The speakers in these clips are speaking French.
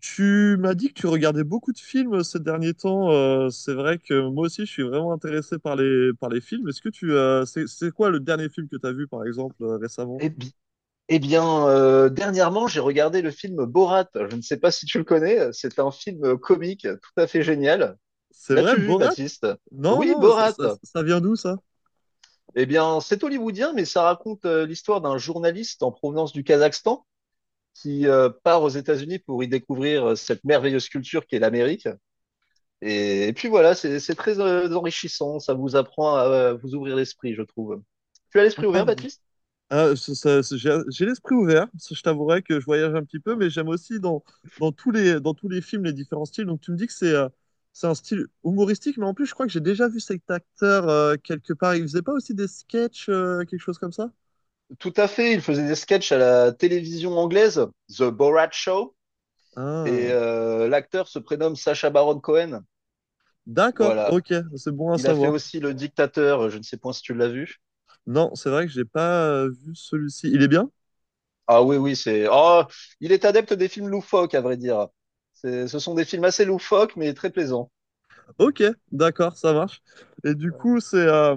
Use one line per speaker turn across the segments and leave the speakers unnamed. Tu m'as dit que tu regardais beaucoup de films ces derniers temps. C'est vrai que moi aussi, je suis vraiment intéressé par les films. Est-ce que c'est quoi le dernier film que tu as vu, par exemple, récemment?
Eh, bi- eh bien, dernièrement, j'ai regardé le film Borat. Je ne sais pas si tu le connais. C'est un film comique tout à fait génial.
C'est vrai,
L'as-tu vu,
Borat?
Baptiste?
Non,
Oui,
non, ça,
Borat.
ça- ça vient d'où, ça?
Eh bien, c'est hollywoodien, mais ça raconte l'histoire d'un journaliste en provenance du Kazakhstan qui part aux États-Unis pour y découvrir cette merveilleuse culture qu'est l'Amérique. Et puis voilà, c'est très enrichissant. Ça vous apprend à vous ouvrir l'esprit, je trouve. Tu as l'esprit
Ah,
ouvert,
mais
Baptiste?
Ah, j'ai l'esprit ouvert. Ça, je t'avouerai que je voyage un petit peu, mais j'aime aussi dans tous les films les différents styles. Donc tu me dis que c'est un style humoristique, mais en plus je crois que j'ai déjà vu cet acteur quelque part. Il faisait pas aussi des sketchs, quelque chose comme ça?
Tout à fait, il faisait des sketchs à la télévision anglaise, The Borat Show, et
Ah,
l'acteur se prénomme Sacha Baron Cohen.
d'accord,
Voilà.
ok, c'est bon à
Il a fait
savoir.
aussi Le Dictateur, je ne sais point si tu l'as vu.
Non, c'est vrai que j'ai pas vu celui-ci. Il est bien?
Ah oui, oui, c'est. Oh, il est adepte des films loufoques, à vrai dire. Ce sont des films assez loufoques, mais très plaisants.
Ok, d'accord, ça marche. Et du coup, c'est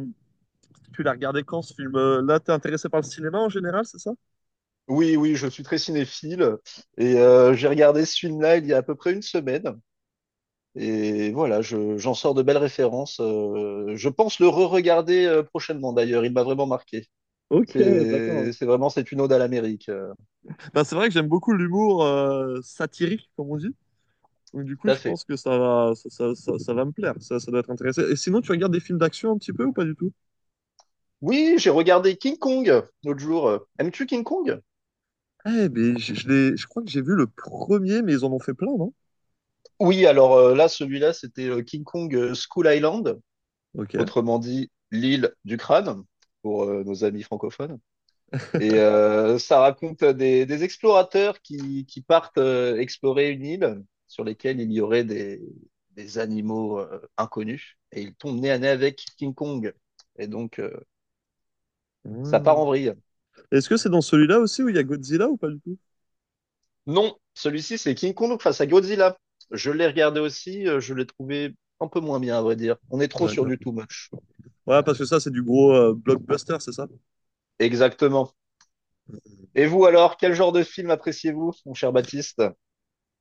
tu l'as regardé quand ce film? Là, t'es intéressé par le cinéma en général, c'est ça?
Oui, oui, je suis très cinéphile et j'ai regardé ce film-là il y a à peu près une semaine et voilà, je, j'en sors de belles références. Je pense le re-regarder prochainement d'ailleurs, il m'a vraiment marqué.
Ok, d'accord.
C'est vraiment, c'est une ode à l'Amérique.
Bah, c'est vrai que j'aime beaucoup l'humour satirique, comme on dit. Donc, du coup,
Tout à
je
fait.
pense que ça va me plaire. Ça doit être intéressant. Et sinon, tu regardes des films d'action un petit peu ou pas du tout?
Oui, j'ai regardé King Kong l'autre jour. Aimes-tu King Kong?
Mais je crois que j'ai vu le premier, mais ils en ont fait plein, non?
Oui, alors là, celui-là, c'était King Kong School Island,
Ok.
autrement dit l'île du crâne, pour nos amis francophones. Et ça raconte des explorateurs qui partent explorer une île sur lesquelles il y aurait des animaux inconnus. Et ils tombent nez à nez avec King Kong. Et donc, ça part
Hmm.
en vrille.
Est-ce que c'est dans celui-là aussi où il y a Godzilla ou pas du tout?
Non, celui-ci, c'est King Kong face à Godzilla. Je l'ai regardé aussi, je l'ai trouvé un peu moins bien, à vrai dire. On est trop sur du
D'accord.
too much.
Ouais,
Voilà.
parce que ça, c'est du gros blockbuster, c'est ça?
Exactement. Et vous alors, quel genre de film appréciez-vous, mon cher Baptiste?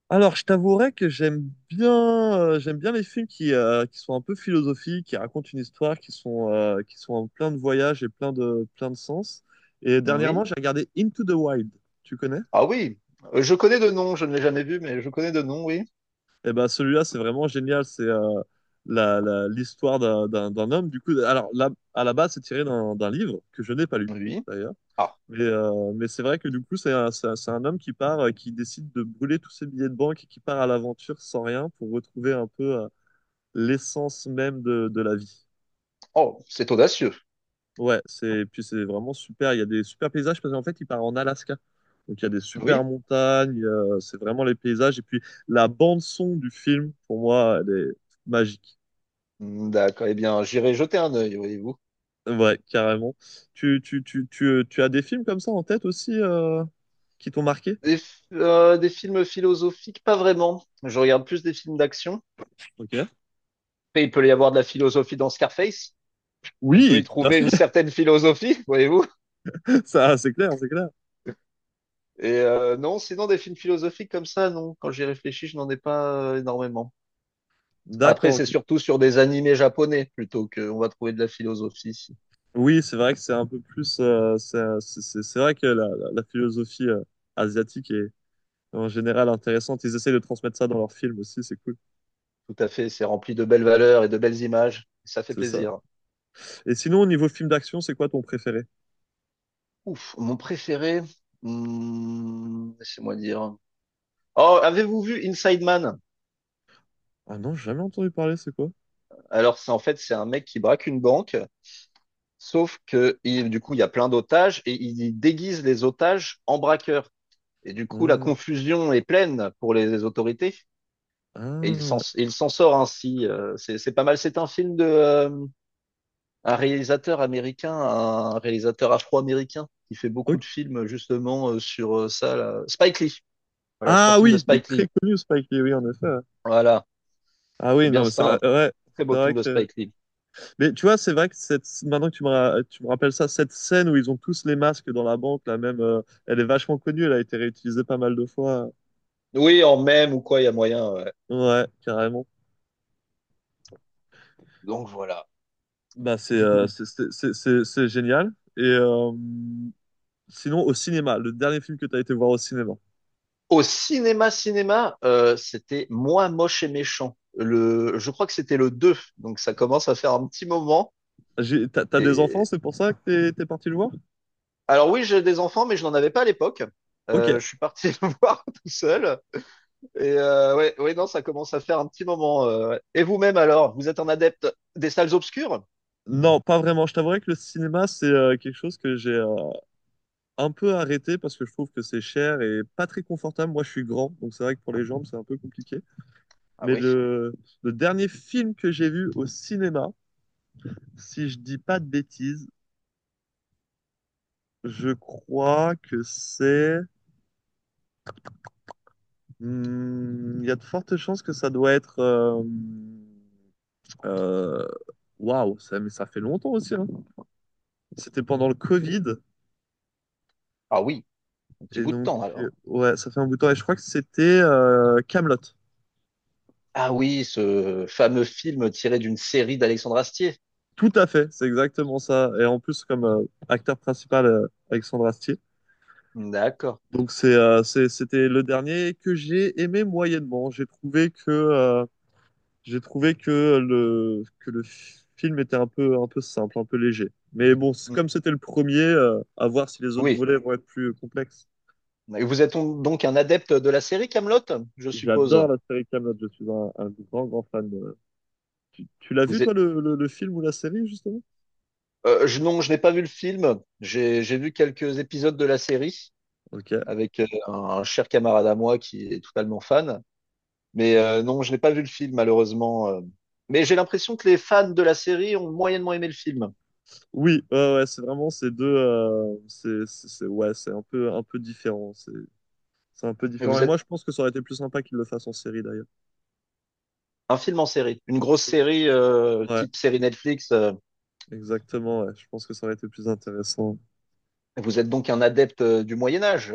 Alors, je t'avouerais que j'aime bien les films qui sont un peu philosophiques, qui racontent une histoire, qui sont en plein de voyages et plein de sens. Et
Oui?
dernièrement, j'ai regardé Into the Wild. Tu connais?
Ah oui, je connais de nom, je ne l'ai jamais vu, mais je connais de nom, oui.
Eh ben, celui-là, c'est vraiment génial. L'histoire d'un homme. Du coup, alors, là, à la base, c'est tiré d'un livre que je n'ai pas lu,
Oui.
d'ailleurs.
Ah,
Mais c'est vrai que du coup, c'est un homme qui part, qui décide de brûler tous ses billets de banque et qui part à l'aventure sans rien pour retrouver un peu l'essence même de la vie.
oh, c'est audacieux.
Ouais, puis c'est vraiment super. Il y a des super paysages parce qu'en fait, il part en Alaska. Donc il y a des super
Oui?
montagnes, c'est vraiment les paysages. Et puis la bande-son du film, pour moi, elle est magique.
D'accord, eh bien, j'irai jeter un œil, voyez-vous.
Ouais, carrément. Tu as des films comme ça en tête aussi qui t'ont marqué?
Des films philosophiques, pas vraiment. Je regarde plus des films d'action.
Ok.
Après, il peut y avoir de la philosophie dans Scarface. On peut y
Oui, tout à
trouver une
fait.
certaine philosophie, voyez-vous.
Ça, c'est clair, c'est clair.
Et non, sinon des films philosophiques comme ça, non. Quand j'y réfléchis, je n'en ai pas énormément. Après,
D'accord,
c'est
ok.
surtout sur des animés japonais plutôt qu'on va trouver de la philosophie.
Oui, c'est vrai que c'est un peu plus. C'est vrai que la philosophie asiatique est en général intéressante. Ils essayent de transmettre ça dans leurs films aussi, c'est cool.
Tout à fait, c'est rempli de belles valeurs et de belles images. Ça fait
C'est ça.
plaisir.
Et sinon, au niveau film d'action, c'est quoi ton préféré?
Ouf, mon préféré, laissez-moi dire. Oh, avez-vous vu Inside Man?
Ah non, j'ai jamais entendu parler, c'est quoi?
Alors, c'est en fait, c'est un mec qui braque une banque, sauf que du coup, il y a plein d'otages et il déguise les otages en braqueurs. Et du coup, la
Ah,
confusion est pleine pour les autorités. Et il s'en
ah,
il s'en sort ainsi. C'est pas mal. C'est un film de un réalisateur américain, un réalisateur afro-américain qui fait beaucoup
ok.
de films justement sur ça. Là. Spike Lee. Voilà, c'est un
Ah
film de
oui, il est
Spike Lee.
très connu Spike Lee, oui, en effet. Ouais.
Voilà.
Ah
Eh
oui,
bien,
non, mais
c'est
c'est vrai,
un
ouais,
très beau
c'est
film
vrai que
de Spike
c'est-
Lee.
Mais tu vois, c'est vrai que cette, maintenant que tu me rappelles ça, cette scène où ils ont tous les masques dans la banque, la même, elle est vachement connue, elle a été réutilisée pas mal de fois.
Oui, en même ou quoi, il y a moyen. Ouais.
Ouais, carrément.
Donc voilà.
Bah, c'est euh,
Dites-moi.
c'est c'est- c'est- c'est- c'est génial. Et sinon, au cinéma, le dernier film que tu as été voir au cinéma.
Au cinéma, cinéma, c'était Moi, moche et méchant. Le, je crois que c'était le 2. Donc ça commence à faire un petit moment.
T'as des enfants,
Et...
c'est pour ça que t'es parti le voir?
Alors oui, j'ai des enfants, mais je n'en avais pas à l'époque.
Ok.
Je suis parti le voir tout seul. Et ouais, ouais, non, ça commence à faire un petit moment. Ouais. Et vous-même alors, vous êtes un adepte des salles obscures?
Non, pas vraiment. Je t'avouerai que le cinéma, c'est quelque chose que j'ai un peu arrêté parce que je trouve que c'est cher et pas très confortable. Moi, je suis grand, donc c'est vrai que pour les jambes, c'est un peu compliqué.
Ah
Mais
oui,
le dernier film que j'ai vu au cinéma, si je dis pas de bêtises, je crois que c'est. Hmm, il y a de fortes chances que ça doit être. euh, Waouh, ça, mais ça fait longtemps aussi. Hein. C'était pendant le Covid.
ah oui, un petit
Et
bout de
donc,
temps alors.
ouais, ça fait un bout de temps. Et je crois que c'était Camelot.
Ah oui, ce fameux film tiré d'une série d'Alexandre Astier.
Tout à fait, c'est exactement ça. Et en plus, comme acteur principal, Alexandre Astier.
D'accord.
Donc, c'était le dernier que j'ai aimé moyennement. J'ai trouvé que que le film était un peu simple, un peu léger. Mais bon,
Mm.
comme c'était le premier, à voir si les autres
Oui.
volets vont être plus complexes.
Et vous êtes donc un adepte de la série Kaamelott, je suppose.
J'adore la série Kaamelott, je suis un grand, grand fan. Tu l'as vu,
Vous
toi,
êtes...
le film ou la série, justement?
Non, je n'ai pas vu le film. J'ai vu quelques épisodes de la série.
Ok.
Avec un cher camarade à moi qui est totalement fan. Mais non, je n'ai pas vu le film, malheureusement. Mais j'ai l'impression que les fans de la série ont moyennement aimé le film.
Oui, ouais, ouais, c'est vraiment ces deux. Ouais, c'est un peu différent. C'est un peu
Et
différent. Et
vous
moi,
êtes
je pense que ça aurait été plus sympa qu'ils le fassent en série, d'ailleurs.
un film en série, une grosse série
Ouais,
type série Netflix.
exactement. Ouais. Je pense que ça aurait été plus intéressant.
Vous êtes donc un adepte du Moyen Âge.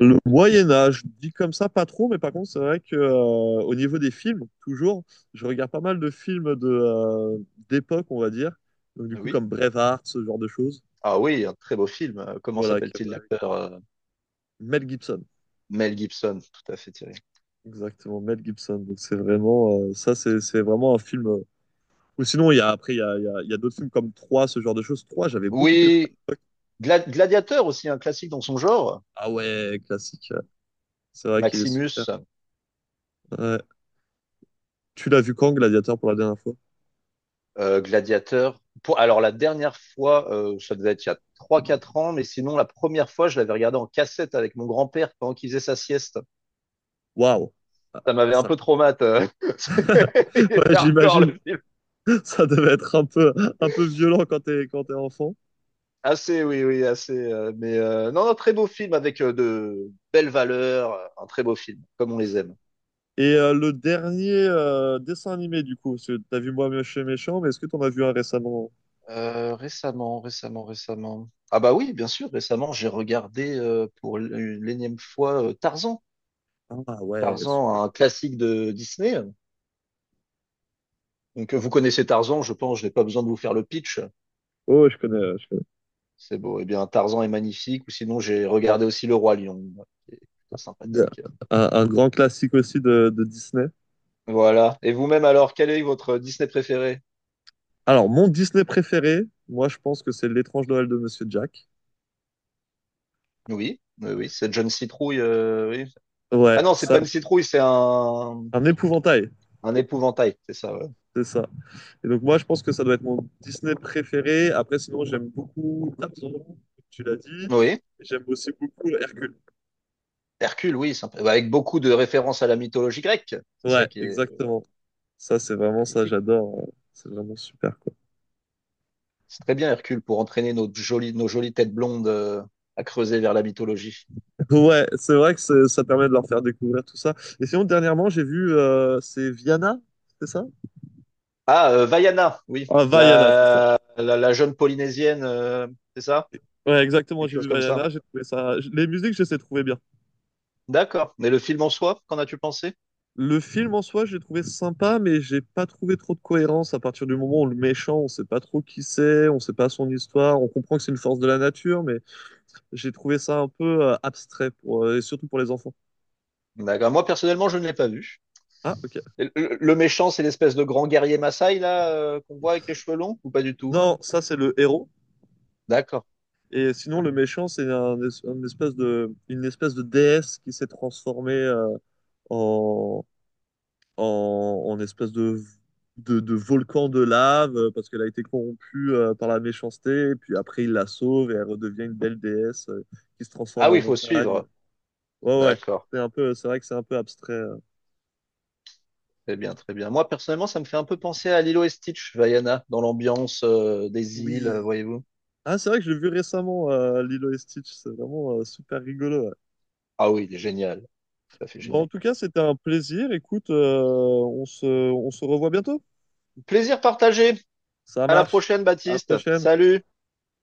Le Moyen Âge, dit comme ça, pas trop, mais par contre, c'est vrai que au niveau des films, toujours, je regarde pas mal de films de d'époque, on va dire. Donc du coup,
Oui.
comme Braveheart, ce genre de choses.
Ah oui, un très beau film. Comment
Voilà, comme,
s'appelle-t-il
euh,
l'acteur
Mel Gibson,
Mel Gibson, tout à fait, Thierry.
exactement, Mel Gibson. Donc c'est vraiment ça, c'est vraiment un film. Ou sinon, il y a d'autres films comme 3, ce genre de choses. 3, j'avais beaucoup aimé à
Oui,
l'époque.
Gladiateur aussi, un classique dans son genre.
Ah ouais, classique. C'est vrai qu'il est super.
Maximus.
Ouais. Tu l'as vu quand, Gladiator, pour la dernière fois?
Gladiateur. Pour, alors la dernière fois, ça devait être il y a trois quatre ans, mais sinon la première fois, je l'avais regardé en cassette avec mon grand-père pendant qu'il faisait sa sieste.
Waouh, ah,
Ça m'avait un
ça.
peu traumatisé. Il
Ouais,
était hardcore
j'imagine.
le film.
Ça devait être un peu violent quand t'es enfant.
Assez, oui, oui, assez. Mais non, non, très beau film avec de belles valeurs, un très beau film, comme on les aime.
Et le dernier dessin animé, du coup, parce que t'as vu Moi Moche et Méchant, mais est-ce que t'en as vu un récemment?
Récemment. Ah bah oui, bien sûr, récemment, j'ai regardé pour l'énième fois Tarzan.
Ah ouais, super.
Tarzan, un classique de Disney. Donc, vous connaissez Tarzan, je pense, je n'ai pas besoin de vous faire le pitch.
Oh, je connais, je connais.
C'est beau. Eh bien, Tarzan est magnifique. Ou sinon, j'ai regardé aussi Le Roi Lion, qui est plutôt sympathique.
Un grand classique aussi de Disney.
Voilà. Et vous-même, alors, quel est votre Disney préféré?
Alors, mon Disney préféré, moi, je pense que c'est L'étrange Noël de Monsieur Jack.
Oui, oui, oui, cette jeune citrouille. Oui. Ah
Ouais,
non, c'est
ça,
pas une citrouille, c'est
un épouvantail,
un épouvantail, c'est ça. Ouais.
c'est ça. Et donc, moi, je pense que ça doit être mon Disney préféré. Après, sinon, j'aime beaucoup Tarzan, comme tu l'as dit.
Oui.
J'aime aussi beaucoup Hercule.
Hercule, oui, sympa. Bah, avec beaucoup de références à la mythologie grecque. C'est ça
Ouais,
qui est
exactement. Ça, c'est vraiment ça,
magnifique.
j'adore. C'est vraiment super, quoi.
C'est très bien, Hercule, pour entraîner nos jolies têtes blondes à creuser vers la mythologie.
Ouais, c'est vrai que ça permet de leur faire découvrir tout ça. Et sinon, dernièrement, j'ai vu, c'est Viana, c'est ça?
Vaiana, oui,
Ah, Vaiana, c'est ça.
la jeune Polynésienne, c'est ça?
Ouais, exactement,
Quelque
j'ai
chose
vu
comme ça.
Vaiana, j'ai trouvé ça. Les musiques, je les ai trouvées bien.
D'accord. Mais le film en soi, qu'en as-tu pensé?
Le film en soi, j'ai trouvé sympa, mais j'ai pas trouvé trop de cohérence à partir du moment où le méchant, on sait pas trop qui c'est, on sait pas son histoire, on comprend que c'est une force de la nature, mais j'ai trouvé ça un peu abstrait pour, et surtout pour les enfants.
D'accord. Moi, personnellement, je ne l'ai pas vu.
Ah, ok.
Le, le méchant, c'est l'espèce de grand guerrier Maasai, là, qu'on voit avec les cheveux longs, ou pas du tout?
Non, ça, c'est le héros.
D'accord.
Et sinon, le méchant, c'est un, es- un espèce de, une espèce de déesse qui s'est transformée en, en espèce de volcan de lave parce qu'elle a été corrompue par la méchanceté. Et puis après, il la sauve et elle redevient une belle déesse qui se
Ah
transforme
oui,
en
il faut
montagne.
suivre.
Ouais, ouais.
D'accord.
C'est vrai que c'est un peu abstrait.
Très bien, très bien. Moi, personnellement, ça me fait un peu penser à Lilo et Stitch, Vaiana, dans l'ambiance, des îles,
Oui.
voyez-vous.
Ah, c'est vrai que j'ai vu récemment Lilo et Stitch. C'est vraiment super rigolo. Ouais.
Ah oui, il est génial. Ça fait
Bon, en
génial.
tout cas, c'était un plaisir. Écoute, on se revoit bientôt.
Plaisir partagé.
Ça
À la
marche.
prochaine,
À la
Baptiste.
prochaine.
Salut.